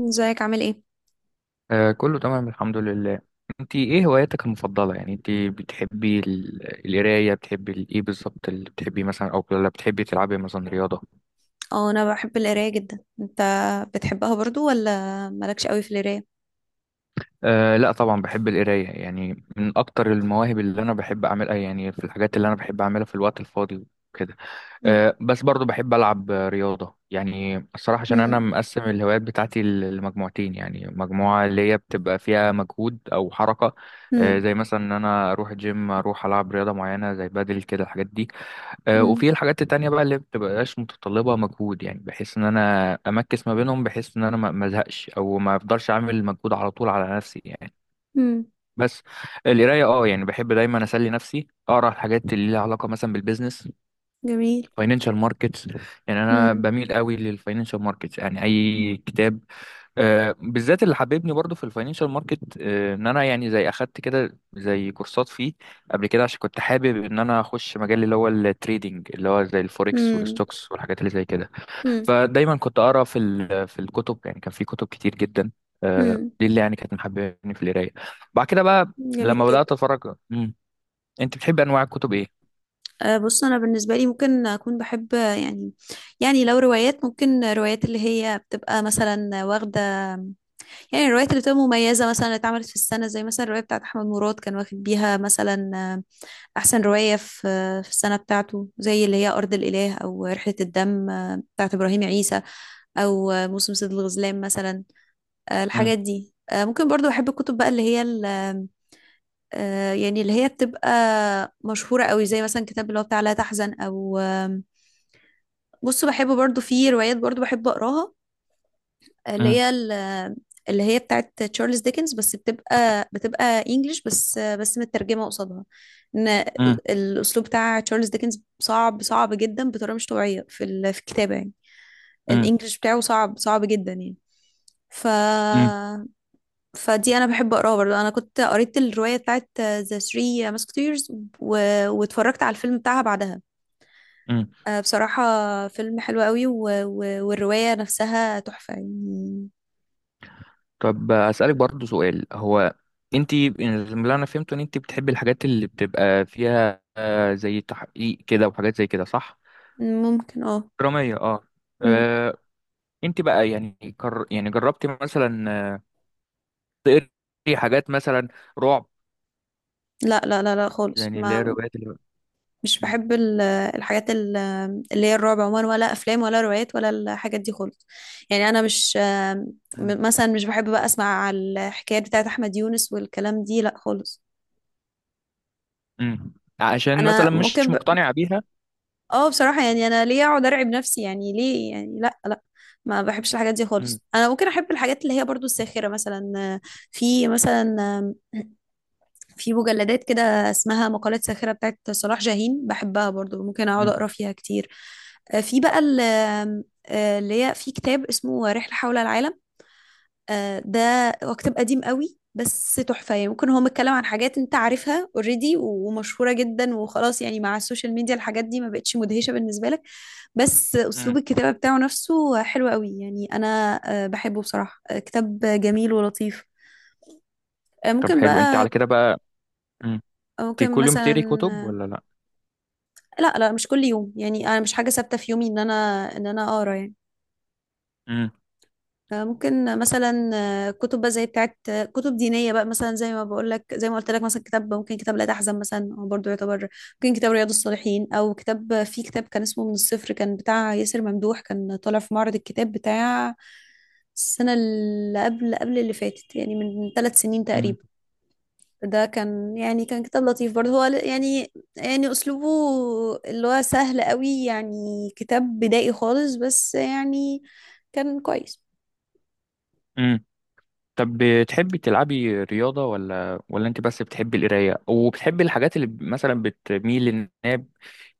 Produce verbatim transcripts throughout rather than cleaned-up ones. ازيك عامل ايه؟ آه، كله تمام الحمد لله. انت ايه هواياتك المفضله يعني انت بتحبي ال- القرايه بتحبي ال- ايه بالظبط اللي بتحبي مثلا او ولا بتحبي تلعبي مثلا رياضه؟ اه، انا بحب القرايه جدا. انت بتحبها برضو ولا مالكش قوي في القرايه؟ آه، لا طبعا بحب القرايه يعني من اكتر المواهب اللي انا بحب اعملها يعني في الحاجات اللي انا بحب اعملها في الوقت الفاضي وكده. مم. آه، بس برضو بحب ألعب آه، رياضة يعني الصراحة عشان أنا مم. مقسم الهوايات بتاعتي ل- لمجموعتين يعني مجموعة اللي هي بتبقى فيها مجهود أو حركة آه، مم. زي مثلا إن أنا أروح جيم أروح ألعب رياضة معينة زي بدل كده الحاجات دي. آه، مم. وفي الحاجات التانية بقى اللي بتبقاش متطلبة مجهود يعني بحيث إن أنا أمكس ما بينهم بحيث إن أنا ما ما أزهقش أو ما أفضلش أعمل مجهود على طول على نفسي يعني. مم. بس القراية اه يعني بحب دايما أسلي نفسي أقرأ الحاجات اللي ليها علاقة مثلا بالبيزنس جميل. فاينانشال ماركتس. يعني انا مم. بميل قوي للفاينانشال ماركتس يعني اي كتاب آه، بالذات اللي حببني برضو في الفاينانشال ماركت آه، ان انا يعني زي اخدت كده زي كورسات فيه قبل كده عشان كنت حابب ان انا اخش مجال اللي هو التريدينج اللي هو زي الفوركس مم. والستوكس والحاجات اللي زي كده. مم. فدايما كنت اقرا في ال- في الكتب يعني كان في كتب كتير جدا آه، مم. دي اللي يعني كانت محببني في القرايه. بعد كده بقى جميل لما بدات جدا. اتفرج مم. انت بتحب انواع الكتب ايه؟ أه، بص، انا بالنسبه لي ممكن اكون بحب يعني، يعني لو روايات، ممكن روايات اللي هي بتبقى مثلا واخده، يعني الروايات اللي بتبقى مميزه مثلا اللي اتعملت في السنه، زي مثلا الروايه بتاعت احمد مراد كان واخد بيها مثلا أحسن رواية في في السنة بتاعته، زي اللي هي أرض الإله أو رحلة الدم، آه، بتاعت إبراهيم عيسى، أو آه، موسم صيد الغزلان مثلا. آه، امم. الحاجات دي، آه، ممكن برضو أحب الكتب بقى اللي هي ال- آه، يعني اللي هي بتبقى مشهورة قوي، زي مثلا كتاب اللي هو بتاع لا تحزن أو آم، بص، بحب برضو في روايات، برضو بحب أقراها اللي هي ال- اللي هي بتاعت تشارلز ديكنز، بس بتبقى بتبقى انجلش بس، بس مترجمه قصادها. ان امم. الاسلوب بتاع تشارلز ديكنز صعب صعب جدا، بطريقه مش طبيعيه في ال- في الكتابه يعني. امم. الانجليش بتاعه صعب صعب جدا يعني. ف فدي انا بحب اقراها برضه. انا كنت قريت الروايه بتاعت ذا ثري ماسكتيرز و... واتفرجت على الفيلم بتاعها بعدها. امم. آه، بصراحه، فيلم حلو قوي و... و... والروايه نفسها تحفه يعني. طب أسألك برضو سؤال هو انت اللي انا فهمته ان انت بتحبي الحاجات اللي بتبقى فيها آه، زي تحقيق كده وحاجات زي كده صح؟ ممكن، اه. درامية اه. مم. آه، انت بقى يعني كر... يعني جربتي مثلا آه، تقري حاجات مثلا رعب لا لا لا لا خالص. يعني اللي هي ما الروايات اللي. مش مم. بحب ال- الحاجات ال- اللي هي الرعب عموما، ولا افلام ولا روايات ولا الحاجات دي خالص. يعني انا مش، مم. م- مثلا مش بحب بقى اسمع على الحكايات بتاعت احمد يونس والكلام دي، لا خالص. مم. عشان مثلا انا مش ممكن ب... مقتنعة بيها. اه، بصراحة يعني انا ليه اقعد ارعب نفسي يعني؟ ليه يعني؟ لا لا، ما بحبش الحاجات دي مم. خالص. انا ممكن احب الحاجات اللي هي برضو الساخرة مثلا. في مثلا، في مجلدات كده اسمها مقالات ساخرة بتاعت صلاح جاهين، بحبها برضو، ممكن اقعد مم. اقرا فيها كتير. آه، في بقى ال- آم، آه، اللي هي في كتاب اسمه رحلة حول العالم. آه، ده هو كتاب قديم قوي، بس تحفة يعني. ممكن هو متكلم عن حاجات انت عارفها اوريدي ومشهورة جدا، وخلاص يعني مع السوشيال ميديا الحاجات دي ما بقتش مدهشة بالنسبة لك، بس اسلوب مم. الكتابة بتاعه نفسه حلو قوي يعني. انا آه، بحبه بصراحة، آه، كتاب جميل ولطيف. آه، طب ممكن حلو انت على بقى، كده بقى. مم. انت ممكن كل يوم مثلا، بتقري كتب آه، ولا لا؟ لا لا، مش كل يوم يعني. انا مش حاجه ثابته في يومي ان انا ان انا اقرا يعني. مم. آه، ممكن مثلا، آه، كتب بقى زي بتاعت، آه، كتب دينيه بقى مثلا زي ما بقول لك، زي ما قلت لك، مثلا كتاب، ممكن كتاب لا تحزن مثلا هو برضه يعتبر، ممكن كتاب رياض الصالحين، او كتاب، في كتاب كان اسمه من الصفر كان بتاع ياسر ممدوح، كان طالع في معرض الكتاب بتاع السنه اللي قبل قبل اللي فاتت، يعني من ثلاث سنين مم. تقريبا. ده كان يعني كان كتاب لطيف برضه. هو ل- يعني، يعني اسلوبه اللي هو سهل قوي يعني، كتاب بدائي خالص، بس يعني كان كويس. مم. طب بتحبي تلعبي رياضة ولا ولا انت بس بتحبي القراية وبتحبي الحاجات اللي مثلا بتميل انها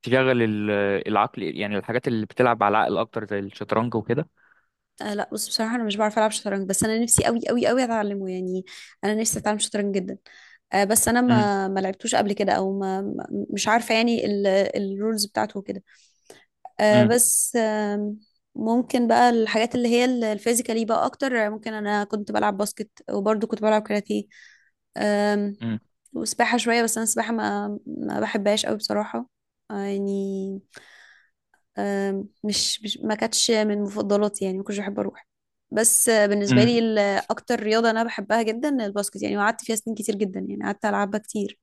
تشغل ال- العقل يعني الحاجات اللي بتلعب على العقل اكتر زي الشطرنج وكده. آه لا، بص بصراحة انا مش بعرف العب شطرنج، بس انا نفسي قوي قوي قوي اتعلمه يعني. انا نفسي اتعلم شطرنج جدا. آه بس انا امم. ما ما لعبتوش قبل كده، او ما ما- مش عارفة يعني الرولز بتاعته وكده. آه، امم. بس آم، ممكن بقى الحاجات اللي هي ال- الفيزيكالي بقى اكتر. ممكن انا كنت بلعب باسكت، وبرضه كنت بلعب كاراتيه آم، امم. وسباحة شوية، بس انا السباحة ما ما بحبهاش قوي بصراحة. آه، يعني آم، مش مش- ما كانتش من مفضلاتي يعني، ما كنتش بحب اروح. بس آه، بالنسبة امم. لي ال- اكتر رياضة انا بحبها جدا الباسكت يعني، وقعدت فيها سنين كتير جدا يعني، قعدت العبها كتير.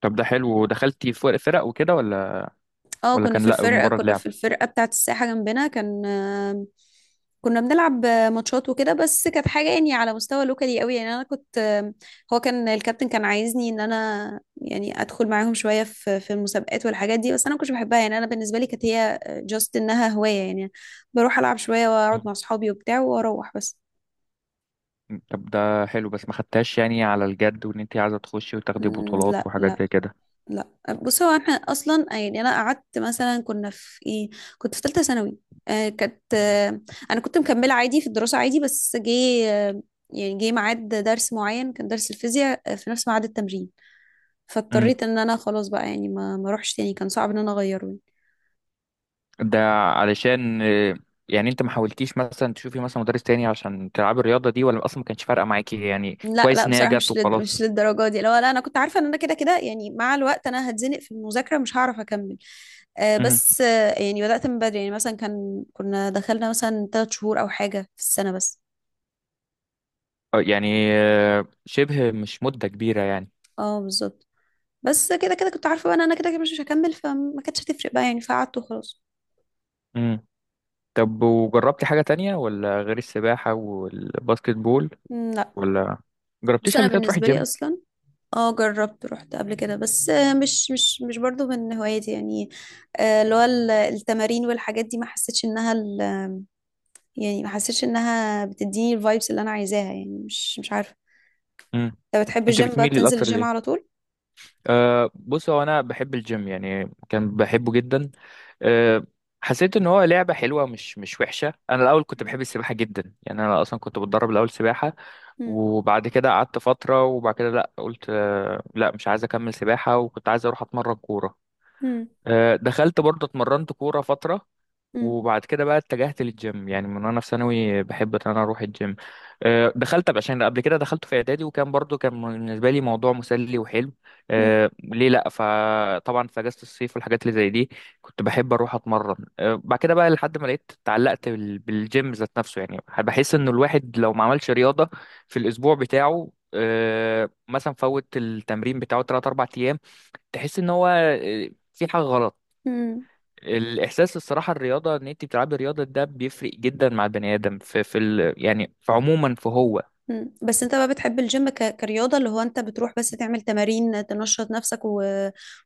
طب ده حلو ودخلتي في فرق وكده ولا؟ اه، ولا كنا كان في لا الفرقة، مجرد كنا لعب. في الفرقة بتاعة الساحة جنبنا. كان آم، كنا بنلعب آه، ماتشات وكده، بس كانت حاجة يعني على مستوى لوكالي قوي يعني. انا كنت آم، هو كان الكابتن، كان عايزني ان انا يعني ادخل معاهم شوية في في المسابقات والحاجات دي، بس انا ما كنتش بحبها يعني. انا بالنسبة لي كانت هي جاست انها هواية يعني. بروح العب شوية واقعد مم. مع اصحابي وبتاع واروح بس. طب ده حلو بس ما خدتهاش يعني على الجد وان انت عايزة تخشي وتاخدي مم، بطولات لا وحاجات لا. زي كده. لا، بص، هو احنا اصلا يعني، انا قعدت مثلا، كنا في ايه، كنت في ثالثه ثانوي. آه كانت آه انا كنت مكمله عادي في الدراسه عادي، بس جه آه يعني جه ميعاد درس معين، كان درس الفيزياء آه، في نفس ميعاد التمرين، مم. فاضطريت ان انا خلاص بقى يعني ما ما اروحش تاني، كان صعب ان انا اغيره يعني. ده علشان آه، يعني انت ما حاولتيش مثلا تشوفي مثلا مدرس تاني عشان تلعبي الرياضة دي ولا اصلا ما كانش فارقة معاكي يعني لا لا، كويس ان هي بصراحه جت مش لد... مش وخلاص؟ للدرجه دي، لا لا. انا كنت عارفه ان انا كده كده يعني مع الوقت انا هتزنق في المذاكره، مش هعرف اكمل. آه امم. بس آه يعني بدات من بدري يعني، مثلا كان كنا دخلنا مثلا ثلاث شهور او حاجه في السنه بس. آه، يعني آه، شبه مش مدة كبيرة يعني. اه بالظبط. بس كده كده كنت عارفه بقى ان انا كده كده مش هكمل، فما كانتش هتفرق بقى يعني، فقعدت وخلاص. امم. طب وجربتي حاجة تانية ولا غير السباحة والباسكت بول مم، لا. ولا بص جربتيش انا قبل كده تروحي بالنسبه لي جيم؟ اصلا، اه جربت، رحت قبل كده، بس آه، مش مش مش برضو من هواياتي يعني. آه، اللي هو ال- التمارين والحاجات دي، ما حسيتش انها ال... يعني ما حسيتش انها بتديني الفايبس اللي انا عايزاها يعني، مش مش عارفه. امم. انت بتحب انت الجيم بقى، بتميلي بتنزل الاكتر الجيم على ليه؟ طول؟ أه، بص هو انا بحب الجيم يعني كان بحبه جدا. أه، حسيت ان هو لعبه حلوه مش مش وحشه. انا الاول كنت بحب السباحه جدا يعني انا اصلا كنت بتدرب الاول سباحه مم. وبعد كده قعدت فتره وبعد كده لا قلت أه، لا مش عايز اكمل سباحه وكنت عايز اروح اتمرن كوره. مم. أه، دخلت برضه اتمرنت كوره فتره مم. وبعد كده بقى اتجهت للجيم يعني من وانا في ثانوي بحب ان انا اروح الجيم. آه، دخلت عشان قبل كده دخلت في اعدادي وكان برضو كان بالنسبه لي موضوع مسلي وحلو. مم. آه، ليه لا فطبعا في اجازه الصيف والحاجات اللي زي دي كنت بحب اروح اتمرن. آه، بعد كده بقى لحد ما لقيت اتعلقت بال- بالجيم ذات نفسه يعني بحس انه الواحد لو ما عملش رياضه في الاسبوع بتاعه آه، مثلا فوت التمرين بتاعه تلاتة اربعة ايام تحس ان هو آه، في حاجه غلط. مم. الاحساس الصراحه الرياضه ان انت بتلعبي رياضه ده بيفرق جدا مع البني ادم في في ال يعني في عموما في هو. مم. بس انت بقى بتحب الجيم ك... كرياضة، اللي هو انت بتروح بس تعمل تمارين تنشط نفسك و...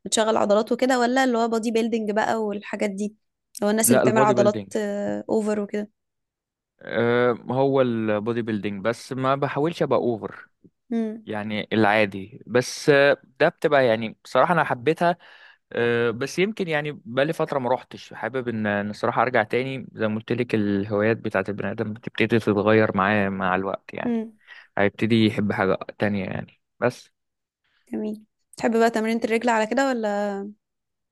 وتشغل عضلات وكده، ولا اللي هو بودي بيلدينج بقى والحاجات دي، اللي هو الناس اللي لا بتعمل البودي عضلات بيلدينج. آه، اوفر وكده؟ أه، هو البودي بيلدينج بس ما بحاولش ابقى اوفر امم يعني العادي بس آه، ده بتبقى يعني بصراحه انا حبيتها. أه، بس يمكن يعني بقالي فتره ما روحتش حابب ان إن الصراحه ارجع تاني زي ما قلت لك الهوايات بتاعت البني ادم بتبتدي تتغير معاه مع الوقت يعني امم هيبتدي يحب حاجه تانية يعني بس. جميل. تحب بقى تمرينة الرجل على كده، ولا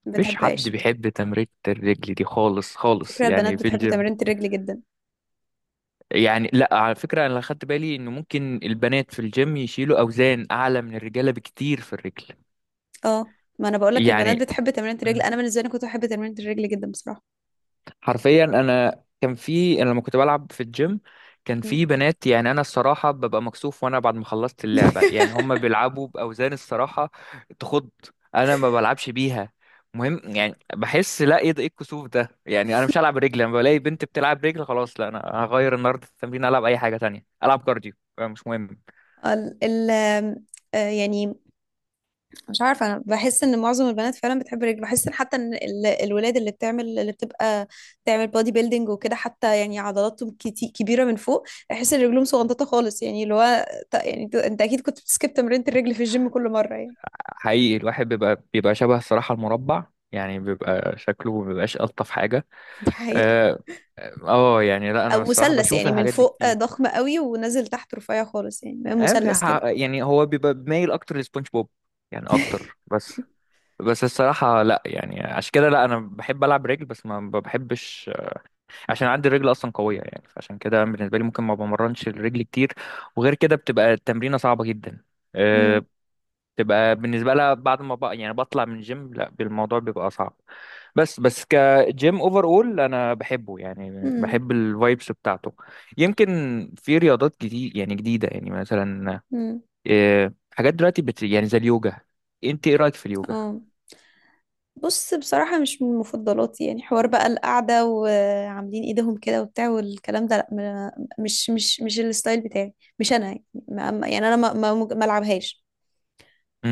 ما مفيش حد بتحبهاش؟ بيحب تمرينة الرجل دي خالص خالص فكرة البنات يعني في بتحب الجيم. تمرينة الرجل جدا. يعني لا على فكرة انا اللي خدت بالي ان ممكن البنات في الجيم يشيلوا اوزان اعلى من الرجالة بكتير في الرجل. اه، ما انا بقول لك، البنات يعني بتحب تمرينة الرجل. انا بالنسبة لي كنت بحب تمرينة الرجل جدا بصراحة. حرفيا انا كان في انا لما كنت بلعب في الجيم كان مم. في بنات يعني انا الصراحه ببقى مكسوف وانا بعد ما خلصت اللعبه يعني هم بيلعبوا باوزان الصراحه تخض. انا ما بلعبش بيها. مهم يعني بحس لا ايه ده ايه الكسوف ده يعني انا مش هلعب رجل لما بلاقي بنت بتلعب رجل خلاص. لا انا هغير النهارده التمرين العب اي حاجه تانية العب كارديو مش مهم. ال ال آم، آه، يعني مش عارفة، أنا بحس إن معظم البنات فعلا بتحب الرجل. بحس إن حتى إن ال- الولاد اللي بتعمل، اللي بتبقى بتعمل بودي بيلدينج وكده، حتى يعني عضلاتهم كتي- كبيرة من فوق، بحس إن رجلهم صغنططة خالص يعني، اللي هو ط- يعني أنت أنت أكيد كنت بتسكيب تمرينة الرجل في الجيم كل مرة يعني. حقيقي الواحد بيبقى بيبقى شبه الصراحة المربع يعني بيبقى شكله ما بيبقاش ألطف حاجة. دي حقيقة. آه، اه يعني لا انا أو الصراحه مثلث بشوف يعني، من الحاجات دي فوق آه، كتير. ضخم قوي ونازل تحت رفيع خالص، يعني بقى آه، في مثلث ح- كده. يعني هو بيبقى مايل اكتر لسبونج بوب يعني اكتر بس. بس الصراحه لا يعني عشان كده لا انا بحب العب رجل بس ما ما بحبش عشان عندي الرجل اصلا قويه يعني فعشان كده بالنسبه لي ممكن ما بمرنش الرجل كتير وغير كده بتبقى التمرينه صعبه جدا امم آه، تبقى بالنسبة لها بعد ما بقى يعني بطلع من الجيم لا الموضوع بيبقى صعب بس. بس كجيم اوفر اول انا بحبه يعني امم بحب الفايبس بتاعته. يمكن في رياضات جديد يعني جديدة يعني مثلا امم آه، حاجات دلوقتي بت يعني زي اليوجا. انت ايه رأيك في اليوجا؟ اه بص، بصراحة مش من مفضلاتي يعني. حوار بقى القعدة وعاملين ايدهم كده وبتاع والكلام ده، لا ما- مش مش مش الستايل بتاعي، مش انا يعني ما- ما- يعني انا ما ما ما العبهاش.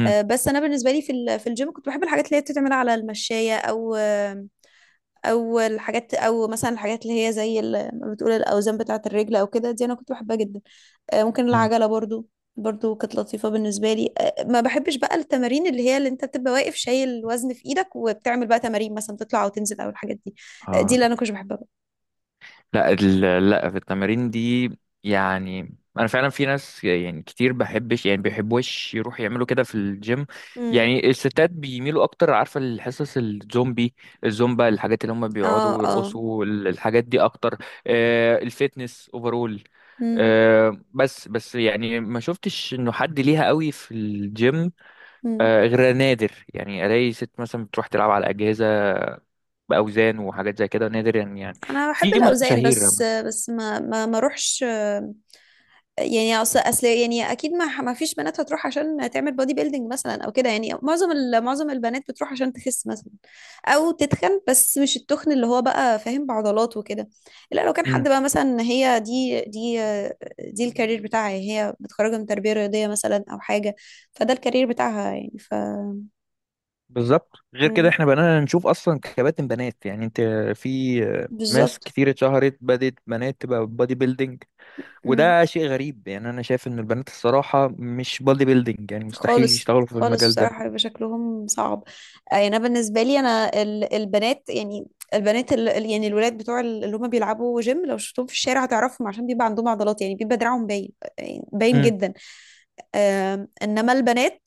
آه، بس انا بالنسبة لي في ال- في الجيم كنت بحب الحاجات اللي هي بتتعمل على المشاية، او آه، او الحاجات، او مثلا الحاجات اللي هي زي ال- ما بتقول الاوزان بتاعة الرجل او كده، دي انا كنت بحبها جدا. آه، ممكن العجلة برضو، برضو كانت لطيفة بالنسبة لي. آه، ما بحبش بقى التمارين اللي هي اللي انت بتبقى واقف شايل الوزن في ايدك، وبتعمل بقى تمارين مثلا تطلع او تنزل او الحاجات دي. آه، دي امم. اللي انا كنتش بحبها بقى. لا ال- لا في التمارين دي يعني انا فعلا في ناس يعني كتير بحبش يعني بيحبوش يروحوا يعملوا كده في الجيم امم. يعني الستات بيميلوا اكتر عارفه الحصص الزومبي الزومبا الحاجات اللي هم اه بيقعدوا اه. ويرقصوا ال- الحاجات دي اكتر. آه الفيتنس اوفرول. امم. آه بس بس يعني ما شفتش انه حد ليها قوي في الجيم. امم. آه غير نادر يعني الاقي ست مثلا بتروح تلعب على اجهزه باوزان وحاجات زي كده نادر يعني يعني انا بحب في الاوزان، مشاهير. بس آه، بس ما ما ما اروحش. يعني اصل اصل يعني اكيد ما ما فيش بنات هتروح عشان تعمل بودي بيلدينج مثلا او كده. يعني معظم ال- معظم البنات بتروح عشان تخس مثلا، او تتخن، بس مش التخن اللي هو بقى فاهم، بعضلات وكده. لا لو كان حد مم. بقى مثلا، هي دي دي دي الكارير بتاعها يعني، هي متخرجه من تربيه رياضيه مثلا او حاجه، فده الكارير بتاعها يعني، ف... بالظبط غير كده مم، احنا بقينا نشوف اصلا كباتن بنات يعني انت في ناس بالظبط. كتير اتشهرت بدات بنات تبقى بادي بيلدينج وده شيء غريب يعني انا شايف ان البنات الصراحه مش بادي بيلدينج يعني مستحيل خالص يشتغلوا في خالص المجال ده. بصراحة، بيبقى شكلهم صعب. آه، يعني أنا بالنسبة لي، أنا ال- البنات يعني، البنات ال- ال- يعني الولاد بتوع ال- اللي هم بيلعبوا جيم، لو شفتهم في الشارع هتعرفهم، عشان بيبقى عندهم عضلات يعني، بيبقى دراعهم باين يعني، باين امم. جدا. آم، إنما البنات،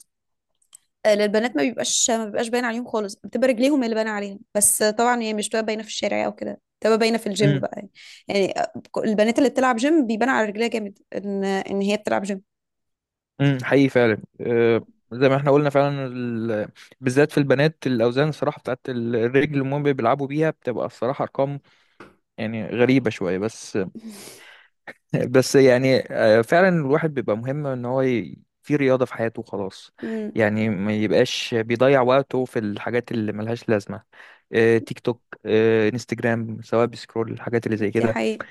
آه، للبنات ما بيبقاش، ما بيبقاش باين عليهم خالص، بتبقى رجليهم اللي باينة عليهم بس. آه، طبعا هي مش بتبقى باينة في الشارع أو كده، بتبقى باينة في الجيم امم. بقى يعني. يعني آه، البنات اللي بتلعب جيم بيبان على رجليها جامد إن إن هي بتلعب جيم. امم. حقيقي فعلا اه، مم. زي ما احنا قلنا فعلا ال... بالذات في البنات الاوزان الصراحه بتاعت الرجل اللي هم بيلعبوا بيها بتبقى الصراحه ارقام يعني غريبه شويه بس. بس يعني آه، فعلا الواحد بيبقى مهم ان هو ي- في رياضة في حياته خلاص مم. يعني ما يبقاش بيضيع وقته في الحاجات اللي ملهاش لازمة آه، تيك توك آه، انستجرام سواء بيسكرول الحاجات اللي زي دي كده حقيقة.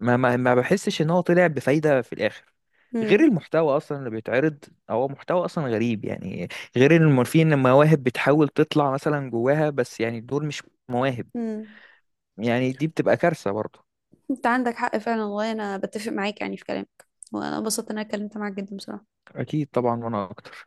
ما ما ما بحسش ان هو طلع بفايدة في الاخر غير مم. المحتوى اصلا اللي بيتعرض هو محتوى اصلا غريب يعني غير ان في ان مواهب بتحاول تطلع مثلا جواها بس يعني دول مش مواهب مم. يعني دي بتبقى كارثة برضه. انت عندك حق فعلا والله، انا بتفق معاك يعني في كلامك، وانا انبسطت ان انا اتكلمت معاك جدا بصراحة. اكيد طبعا وانا اكتر.